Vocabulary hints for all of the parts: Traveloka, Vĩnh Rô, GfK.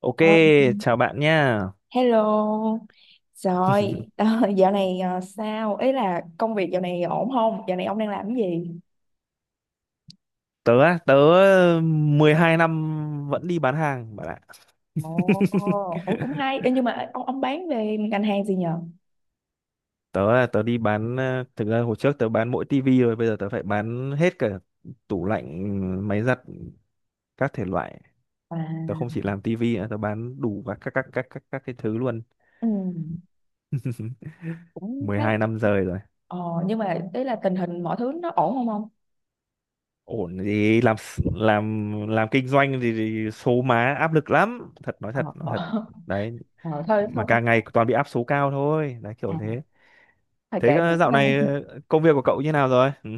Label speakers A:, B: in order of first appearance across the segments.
A: Ok,
B: Ờ,
A: chào bạn nha.
B: Hello, rồi ờ, dạo này sao? Ý là công việc dạo này ổn không? Dạo này ông đang làm cái gì?
A: Tớ 12 năm vẫn đi bán hàng bạn ạ.
B: Ồ, ồ cũng hay. Ê, nhưng mà ông bán về ngành hàng gì nhờ?
A: Tớ đi bán thực ra hồi trước tớ bán mỗi tivi rồi, bây giờ tớ phải bán hết cả tủ lạnh, máy giặt các thể loại. Tớ
B: À,
A: không chỉ làm tivi nữa, tớ bán đủ các cái thứ luôn.
B: ừ, cũng khá là.
A: 12 năm rời rồi.
B: Ờ, nhưng mà ý là tình hình mọi thứ nó ổn không ông?
A: Ổn gì làm làm kinh doanh thì số má áp lực lắm, thật
B: Ờ,
A: nói
B: ờ,
A: thật. Đấy,
B: ờ, thôi
A: mà
B: thôi con.
A: càng ngày toàn bị áp số cao thôi, đấy kiểu
B: À,
A: thế.
B: thôi
A: Thế
B: kệ miễn
A: dạo này công việc của cậu như nào rồi? Ừ.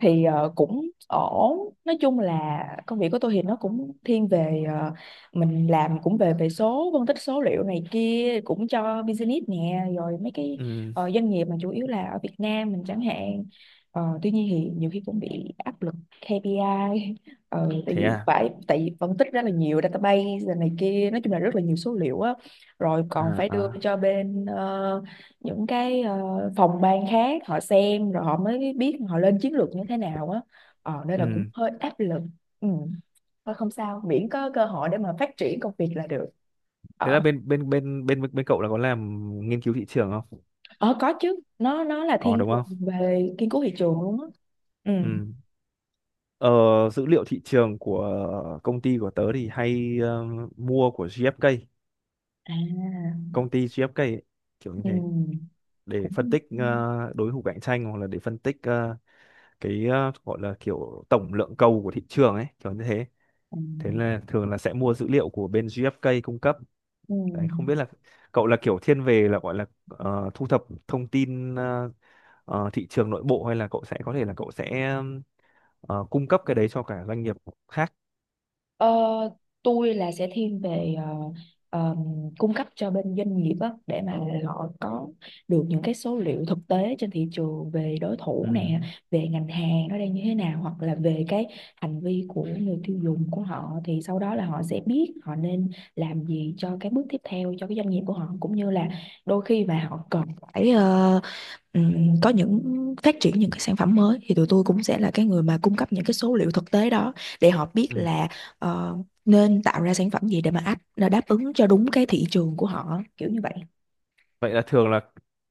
B: thì cũng ổn. Nói chung là công việc của tôi thì nó cũng thiên về mình làm cũng về về số, phân tích số liệu này kia cũng cho business nè, rồi mấy cái
A: Ừ.
B: doanh nghiệp mà chủ yếu là ở Việt Nam mình chẳng hạn. Ờ, tuy nhiên thì nhiều khi cũng bị áp lực KPI. Ờ, tại
A: Thế
B: vì
A: à?
B: phải tại vì phân tích rất là nhiều database rồi này kia, nói chung là rất là nhiều số liệu á, rồi
A: À
B: còn phải đưa
A: à.
B: cho bên những cái phòng ban khác họ xem rồi họ mới biết họ lên chiến lược như thế nào á. Nên là cũng
A: Ừ.
B: hơi áp lực. Ừ. Thôi không sao, miễn có cơ hội để mà phát triển công việc là được.
A: Thế
B: Ờ,
A: là bên bên bên bên bên cậu là có làm nghiên cứu thị trường không?
B: ờ có chứ, nó là
A: Có
B: thiên
A: đúng
B: thuần
A: không?
B: về nghiên cứu thị trường luôn á. Ừ.
A: Ừ. Ờ, dữ liệu thị trường của công ty của tớ thì hay mua của GfK,
B: À.
A: công ty GfK ấy, kiểu như
B: Ừ.
A: thế để phân
B: Cũng
A: tích đối thủ cạnh tranh hoặc là để phân tích cái gọi là kiểu tổng lượng cầu của thị trường ấy, kiểu như thế.
B: ừ.
A: Thế là thường là sẽ mua dữ liệu của bên GfK cung cấp.
B: Ừ.
A: Đấy, không biết là cậu là kiểu thiên về là gọi là thu thập thông tin thị trường nội bộ hay là cậu sẽ có thể là cậu sẽ cung cấp cái đấy cho cả doanh nghiệp khác.
B: Ờ, tôi là sẽ thiên về ờ, cung cấp cho bên doanh nghiệp á, để mà họ có được những cái số liệu thực tế trên thị trường về đối
A: Ừ.
B: thủ nè, về ngành hàng nó đang như thế nào, hoặc là về cái hành vi của người tiêu dùng của họ, thì sau đó là họ sẽ biết họ nên làm gì cho cái bước tiếp theo cho cái doanh nghiệp của họ, cũng như là đôi khi mà họ cần phải có những phát triển những cái sản phẩm mới thì tụi tôi cũng sẽ là cái người mà cung cấp những cái số liệu thực tế đó để họ biết
A: Ừ.
B: là ờ, nên tạo ra sản phẩm gì để mà đáp ứng cho đúng cái thị trường của họ, kiểu như vậy.
A: Vậy là thường là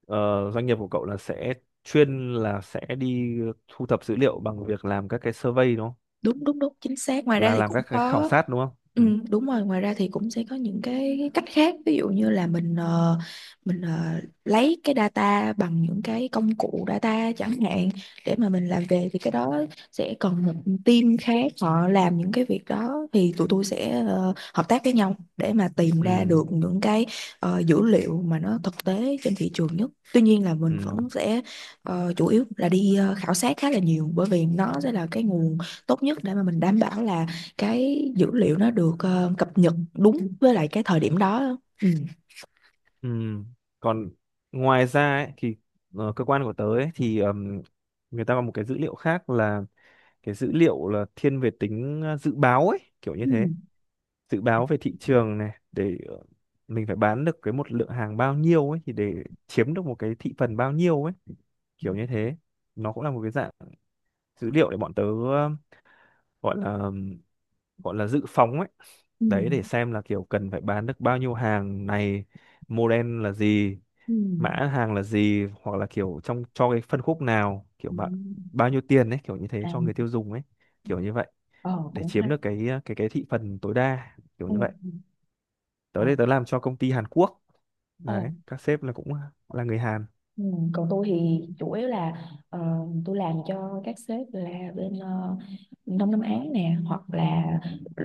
A: doanh nghiệp của cậu là sẽ chuyên là sẽ đi thu thập dữ liệu bằng việc làm các cái survey đúng không?
B: Đúng đúng đúng, chính xác. Ngoài ra
A: Là
B: thì
A: làm
B: cũng
A: các cái khảo
B: có.
A: sát đúng không? Ừ.
B: Ừ, đúng rồi. Ngoài ra thì cũng sẽ có những cái cách khác, ví dụ như là mình lấy cái data bằng những cái công cụ data chẳng hạn, để mà mình làm về thì cái đó sẽ còn một team khác họ làm những cái việc đó, thì tụi tôi sẽ hợp tác với nhau để mà tìm ra
A: Ừ.
B: được những cái dữ liệu mà nó thực tế trên thị trường nhất. Tuy nhiên là mình
A: Ừ.
B: vẫn sẽ chủ yếu là đi khảo sát khá là nhiều, bởi vì nó sẽ là cái nguồn tốt nhất để mà mình đảm bảo là cái dữ liệu nó được cập nhật đúng với lại cái thời điểm đó. Ừ.
A: Ừ. Còn ngoài ra ấy, thì cơ quan của tớ ấy, thì người ta có một cái dữ liệu khác là cái dữ liệu là thiên về tính dự báo ấy kiểu như
B: Ừ.
A: thế, dự báo về thị trường này để mình phải bán được cái một lượng hàng bao nhiêu ấy thì để chiếm được một cái thị phần bao nhiêu ấy kiểu như thế, nó cũng là một cái dạng dữ liệu để bọn tớ gọi là ừm, gọi là dự phóng ấy,
B: Ừ.
A: đấy để xem là kiểu cần phải bán được bao nhiêu hàng này, model là gì,
B: Ừ.
A: mã hàng là gì hoặc là kiểu trong cho cái phân khúc nào, kiểu
B: Ừ.
A: bạn bao nhiêu tiền ấy kiểu như thế cho người
B: À.
A: tiêu dùng ấy kiểu như vậy
B: Ờ
A: để
B: cũng
A: chiếm
B: hay.
A: được cái cái thị phần tối đa kiểu
B: Ừ.
A: như vậy.
B: Ừ, ờ,
A: Tới đây tớ làm cho công ty Hàn Quốc,
B: ờ.
A: đấy các sếp là cũng là người Hàn.
B: Ừ. Còn tôi thì chủ yếu là ờ, tôi làm cho các sếp là bên Đông Nam Á nè, hoặc là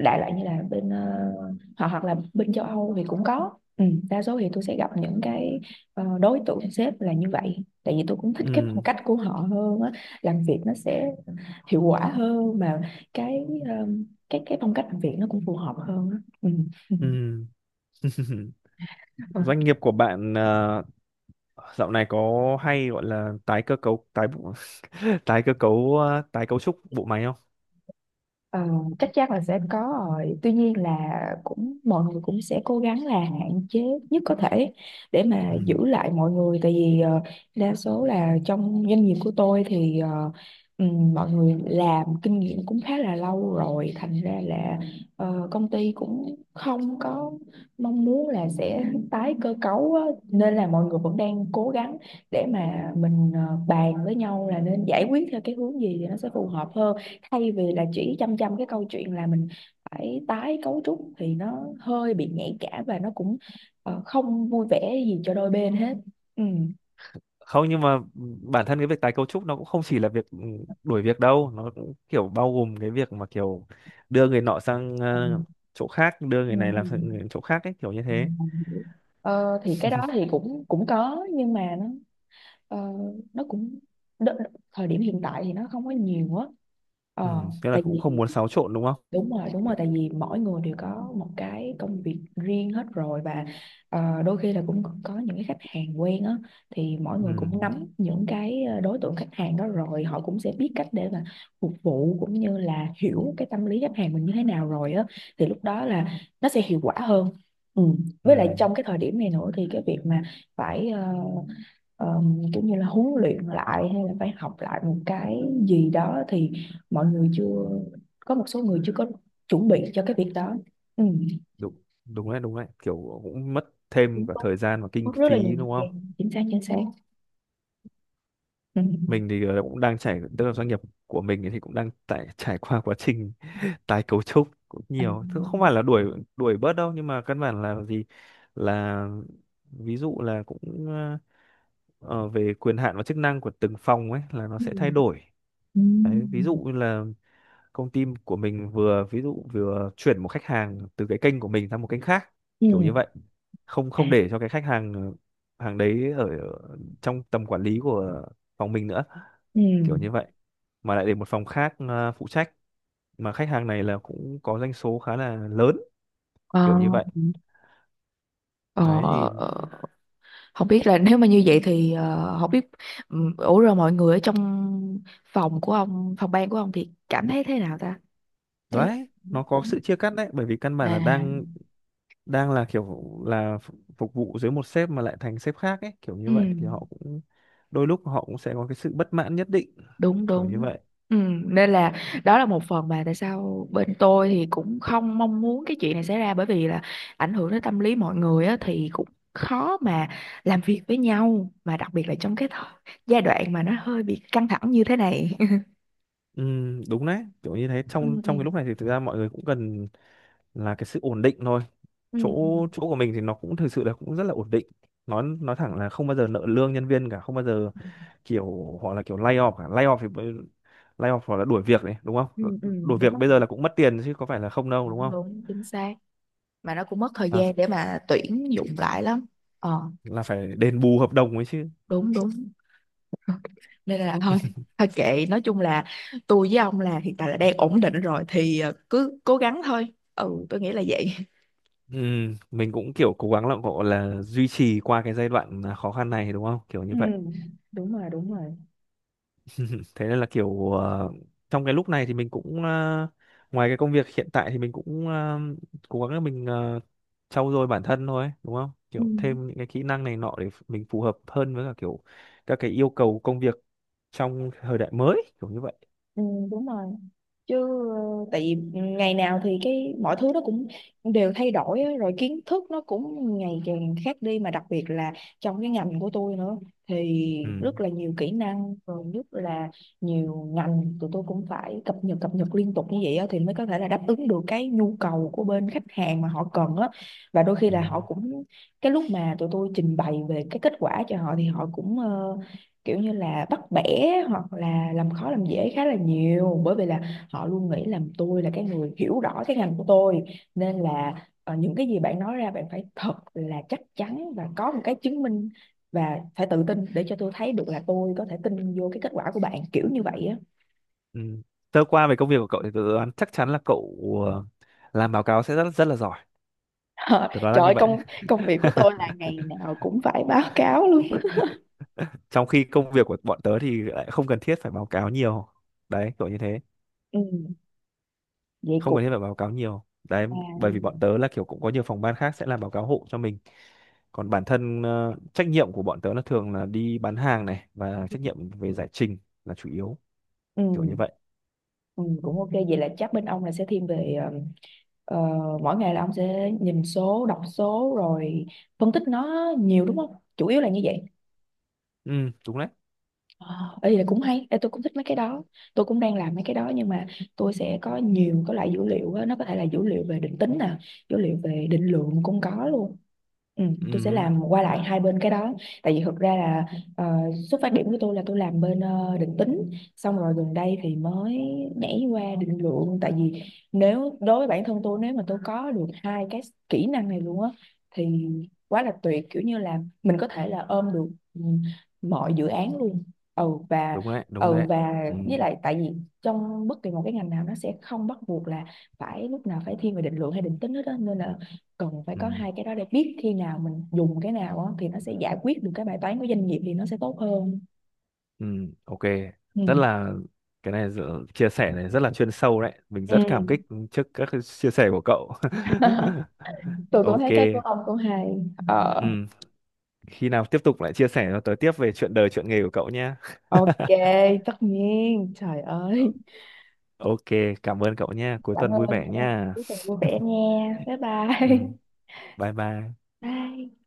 B: đại loại như là bên hoặc hoặc là bên châu Âu thì cũng có. Ừ. Đa số thì tôi sẽ gặp những cái đối tượng sếp là như vậy, tại vì tôi cũng thích cái phong
A: Ừ.
B: cách của họ hơn á, làm việc nó sẽ hiệu quả hơn, mà cái um, cái phong cách làm việc nó cũng phù hợp hơn á.
A: Ừ.
B: Ừ.
A: Doanh nghiệp của bạn dạo này có hay gọi là tái cơ cấu tái bộ- tái cơ cấu tái cấu trúc bộ máy không?
B: Ờ, chắc chắn là sẽ có rồi. Tuy nhiên là cũng mọi người cũng sẽ cố gắng là hạn chế nhất có thể để mà
A: Ừ.
B: giữ lại mọi người, tại vì đa số là trong doanh nghiệp của tôi thì mọi người làm kinh nghiệm cũng khá là lâu rồi, thành ra là công ty cũng không có mong muốn là sẽ tái cơ cấu á. Nên là mọi người vẫn đang cố gắng để mà mình bàn với nhau là nên giải quyết theo cái hướng gì thì nó sẽ phù hợp hơn, thay vì là chỉ chăm chăm cái câu chuyện là mình phải tái cấu trúc, thì nó hơi bị nhạy cảm và nó cũng không vui vẻ gì cho đôi bên hết. Ừ.
A: Không nhưng mà bản thân cái việc tái cấu trúc nó cũng không chỉ là việc đuổi việc đâu, nó cũng kiểu bao gồm cái việc mà kiểu đưa người nọ sang
B: Ừ,
A: chỗ khác, đưa người này làm sang
B: ừ,
A: chỗ khác ấy kiểu như thế.
B: ừ, ờ, thì cái đó thì cũng cũng có, nhưng mà nó ờ, nó cũng đ- đ- thời điểm hiện tại thì nó không có nhiều quá. ờ,
A: Ừ, thế là
B: Tại
A: cũng không
B: vì
A: muốn xáo trộn đúng không?
B: đúng rồi, đúng rồi,
A: Kiểu-
B: tại vì mỗi người đều có một cái công việc riêng hết rồi, và đôi khi là cũng có những cái khách hàng quen á, thì mỗi người
A: Ừ,
B: cũng nắm những cái đối tượng khách hàng đó rồi, họ cũng sẽ biết cách để mà phục vụ, cũng như là hiểu cái tâm lý khách hàng mình như thế nào rồi á, thì lúc đó là nó sẽ hiệu quả hơn. Ừ.
A: ừ,
B: Với lại trong cái thời điểm này nữa thì cái việc mà phải kiểu như là huấn luyện lại, hay là phải học lại một cái gì đó, thì mọi người chưa, có một số người chưa có chuẩn bị cho cái việc đó. Ừ.
A: đúng, đúng đấy, đúng đấy. Kiểu cũng mất thêm
B: Đúng,
A: cả
B: đúng.
A: thời gian và kinh
B: Mất rất là
A: phí
B: nhiều thời
A: đúng không?
B: gian, chính xác chính xác. Ừ.
A: Mình thì cũng đang trải, tức là doanh nghiệp của mình thì cũng đang tại trải qua quá trình tái cấu trúc cũng
B: À,
A: nhiều. Thứ không phải là đuổi đuổi bớt đâu, nhưng mà căn bản là gì? Là ví dụ là cũng ờ, về quyền hạn và chức năng của từng phòng ấy là nó
B: ừ,
A: sẽ thay đổi.
B: ừ.
A: Đấy, ví dụ như là công ty của mình vừa ví dụ vừa chuyển một khách hàng từ cái kênh của mình sang một kênh khác
B: Ừ.
A: kiểu như vậy, không
B: À.
A: không để cho cái khách hàng hàng đấy ở trong tầm quản lý của phòng mình nữa
B: Ừ.
A: kiểu như vậy, mà lại để một phòng khác phụ trách, mà khách hàng này là cũng có doanh số khá là lớn
B: Ờ,
A: kiểu như vậy.
B: ờ,
A: Đấy thì
B: ờ. Không biết là nếu mà như vậy thì ờ, không biết, ừ, ủa rồi mọi người ở trong phòng của ông, phòng ban của ông thì cảm thấy thế nào ta? Thế
A: đấy nó có
B: cũng
A: sự chia cắt đấy bởi vì căn bản là đang
B: à.
A: đang là kiểu là phục vụ dưới một sếp mà lại thành sếp khác ấy kiểu như
B: Ừ,
A: vậy thì họ cũng đôi lúc họ cũng sẽ có cái sự bất mãn nhất định
B: đúng
A: kiểu như
B: đúng.
A: vậy.
B: Ừ, nên là đó là một phần mà tại sao bên tôi thì cũng không mong muốn cái chuyện này xảy ra, bởi vì là ảnh hưởng đến tâm lý mọi người á, thì cũng khó mà làm việc với nhau, mà đặc biệt là trong cái thời, giai đoạn mà nó hơi bị căng thẳng như thế này.
A: Ừ, đúng đấy kiểu như thế, trong
B: Ừ, ừ,
A: trong cái lúc này thì thực ra mọi người cũng cần là cái sự ổn định thôi.
B: ừ,
A: Chỗ chỗ của mình thì nó cũng thực sự là cũng rất là ổn định, nói thẳng là không bao giờ nợ lương nhân viên cả, không bao giờ,
B: ừ,
A: kiểu họ là kiểu lay off cả, lay off thì lay off hoặc là đuổi việc đấy đúng không? Ờ,
B: ừ, ừ,
A: đuổi
B: đúng
A: việc
B: rồi.
A: bây giờ là cũng mất tiền chứ có phải là không đâu đúng
B: Đúng
A: không,
B: đúng, chính xác. Mà nó cũng mất thời
A: là,
B: gian
A: ph-
B: để mà tuyển dụng lại lắm. Ờ,
A: là phải đền bù hợp đồng ấy chứ.
B: đúng đúng. Nên là thôi, thôi kệ, nói chung là tôi với ông là hiện tại là đang ổn định rồi, thì ờ, cứ cố gắng thôi, ừ tôi nghĩ là vậy.
A: Ừ, mình cũng kiểu cố gắng là gọi là duy trì qua cái giai đoạn à, khó khăn này đúng không? Kiểu
B: Ừ,
A: như vậy.
B: đúng rồi, đúng rồi.
A: Thế nên là kiểu trong cái lúc này thì mình cũng ngoài cái công việc hiện tại thì mình cũng cố gắng là mình trau dồi bản thân thôi, đúng không?
B: Ừ.
A: Kiểu thêm những cái kỹ năng này nọ để mình phù hợp hơn với cả kiểu các cái yêu cầu công việc trong thời đại mới, kiểu như vậy.
B: Ừ, đúng rồi. Chứ tại vì ngày nào thì cái mọi thứ nó cũng đều thay đổi á, rồi kiến thức nó cũng ngày càng khác đi, mà đặc biệt là trong cái ngành của tôi nữa, thì
A: Ừ.
B: rất là nhiều kỹ năng, rồi rất là nhiều ngành, tụi tôi cũng phải cập nhật liên tục như vậy á, thì mới có thể là đáp ứng được cái nhu cầu của bên khách hàng mà họ cần á. Và đôi khi
A: Ừ.
B: là họ cũng, cái lúc mà tụi tôi trình bày về cái kết quả cho họ, thì họ cũng kiểu như là bắt bẻ, hoặc là làm khó làm dễ khá là nhiều, bởi vì là họ luôn nghĩ là tôi là cái người hiểu rõ cái ngành của tôi, nên là những cái gì bạn nói ra bạn phải thật là chắc chắn và có một cái chứng minh, và phải tự tin để cho tôi thấy được là tôi có thể tin vô cái kết quả của bạn, kiểu như vậy á.
A: Ừ. Sơ qua về công việc của cậu thì tớ đoán chắc chắn là cậu ờ, làm báo cáo sẽ rất rất là giỏi.
B: Ờ,
A: Tớ đoán là
B: trời
A: như
B: ơi,
A: vậy.
B: công công việc của tôi là ngày nào cũng phải báo cáo luôn.
A: Trong khi công việc của bọn tớ thì lại không cần thiết phải báo cáo nhiều đấy kiểu như thế,
B: Ừ, vậy
A: không
B: cũng
A: cần thiết phải báo cáo nhiều đấy,
B: à.
A: bởi vì bọn tớ là kiểu cũng có nhiều phòng ban khác sẽ làm báo cáo hộ cho mình, còn bản thân trách nhiệm của bọn tớ là thường là đi bán hàng này và trách nhiệm về giải trình là chủ yếu
B: Ừ,
A: kiểu như vậy.
B: ừ, cũng ok, vậy là chắc bên ông là sẽ thiên về ờ, mỗi ngày là ông sẽ nhìn số, đọc số, rồi phân tích nó nhiều đúng không, chủ yếu là như vậy.
A: Ừ đúng đấy.
B: Ờ, ý là cũng hay. Ê, tôi cũng thích mấy cái đó. Tôi cũng đang làm mấy cái đó. Nhưng mà tôi sẽ có nhiều cái loại dữ liệu á. Nó có thể là dữ liệu về định tính nè. Dữ liệu về định lượng cũng có luôn. Ừ, tôi sẽ
A: Ừ
B: làm qua lại hai bên cái đó, tại vì thực ra là ờ, xuất phát điểm của tôi là tôi làm bên định tính, xong rồi gần đây thì mới nhảy qua định lượng. Tại vì nếu đối với bản thân tôi, nếu mà tôi có được hai cái kỹ năng này luôn á, thì quá là tuyệt, kiểu như là mình có thể là ôm được ừ, mọi dự án luôn. Ừ và
A: đúng đấy, đúng
B: ừ
A: đấy.
B: và
A: Ừ.
B: với lại, tại vì trong bất kỳ một cái ngành nào nó sẽ không bắt buộc là phải lúc nào phải thiên về định lượng hay định tính hết á, nên là cần phải có
A: Ừ.
B: hai cái đó để biết khi nào mình dùng cái nào á, thì nó sẽ giải quyết được cái bài toán của doanh nghiệp thì nó sẽ tốt hơn.
A: Ừ. Ok. Rất
B: Ừ.
A: là, cái này chia sẻ này rất là chuyên sâu đấy, mình rất cảm
B: Ừ.
A: kích trước các cái chia sẻ của cậu.
B: Tôi cũng
A: Ok.
B: thấy cái của ông cũng hay. Ờ.
A: Ừ, khi nào tiếp tục lại chia sẻ cho tớ tiếp về chuyện đời chuyện nghề của cậu nhé.
B: Ok, tất nhiên. Trời
A: Ờ.
B: ơi.
A: Ok, cảm ơn cậu nhé, cuối
B: Cảm
A: tuần vui
B: ơn
A: vẻ
B: nha,
A: nha.
B: cuối tuần vui vẻ nha. Bye
A: Ừ,
B: bye.
A: bye bye.
B: Bye.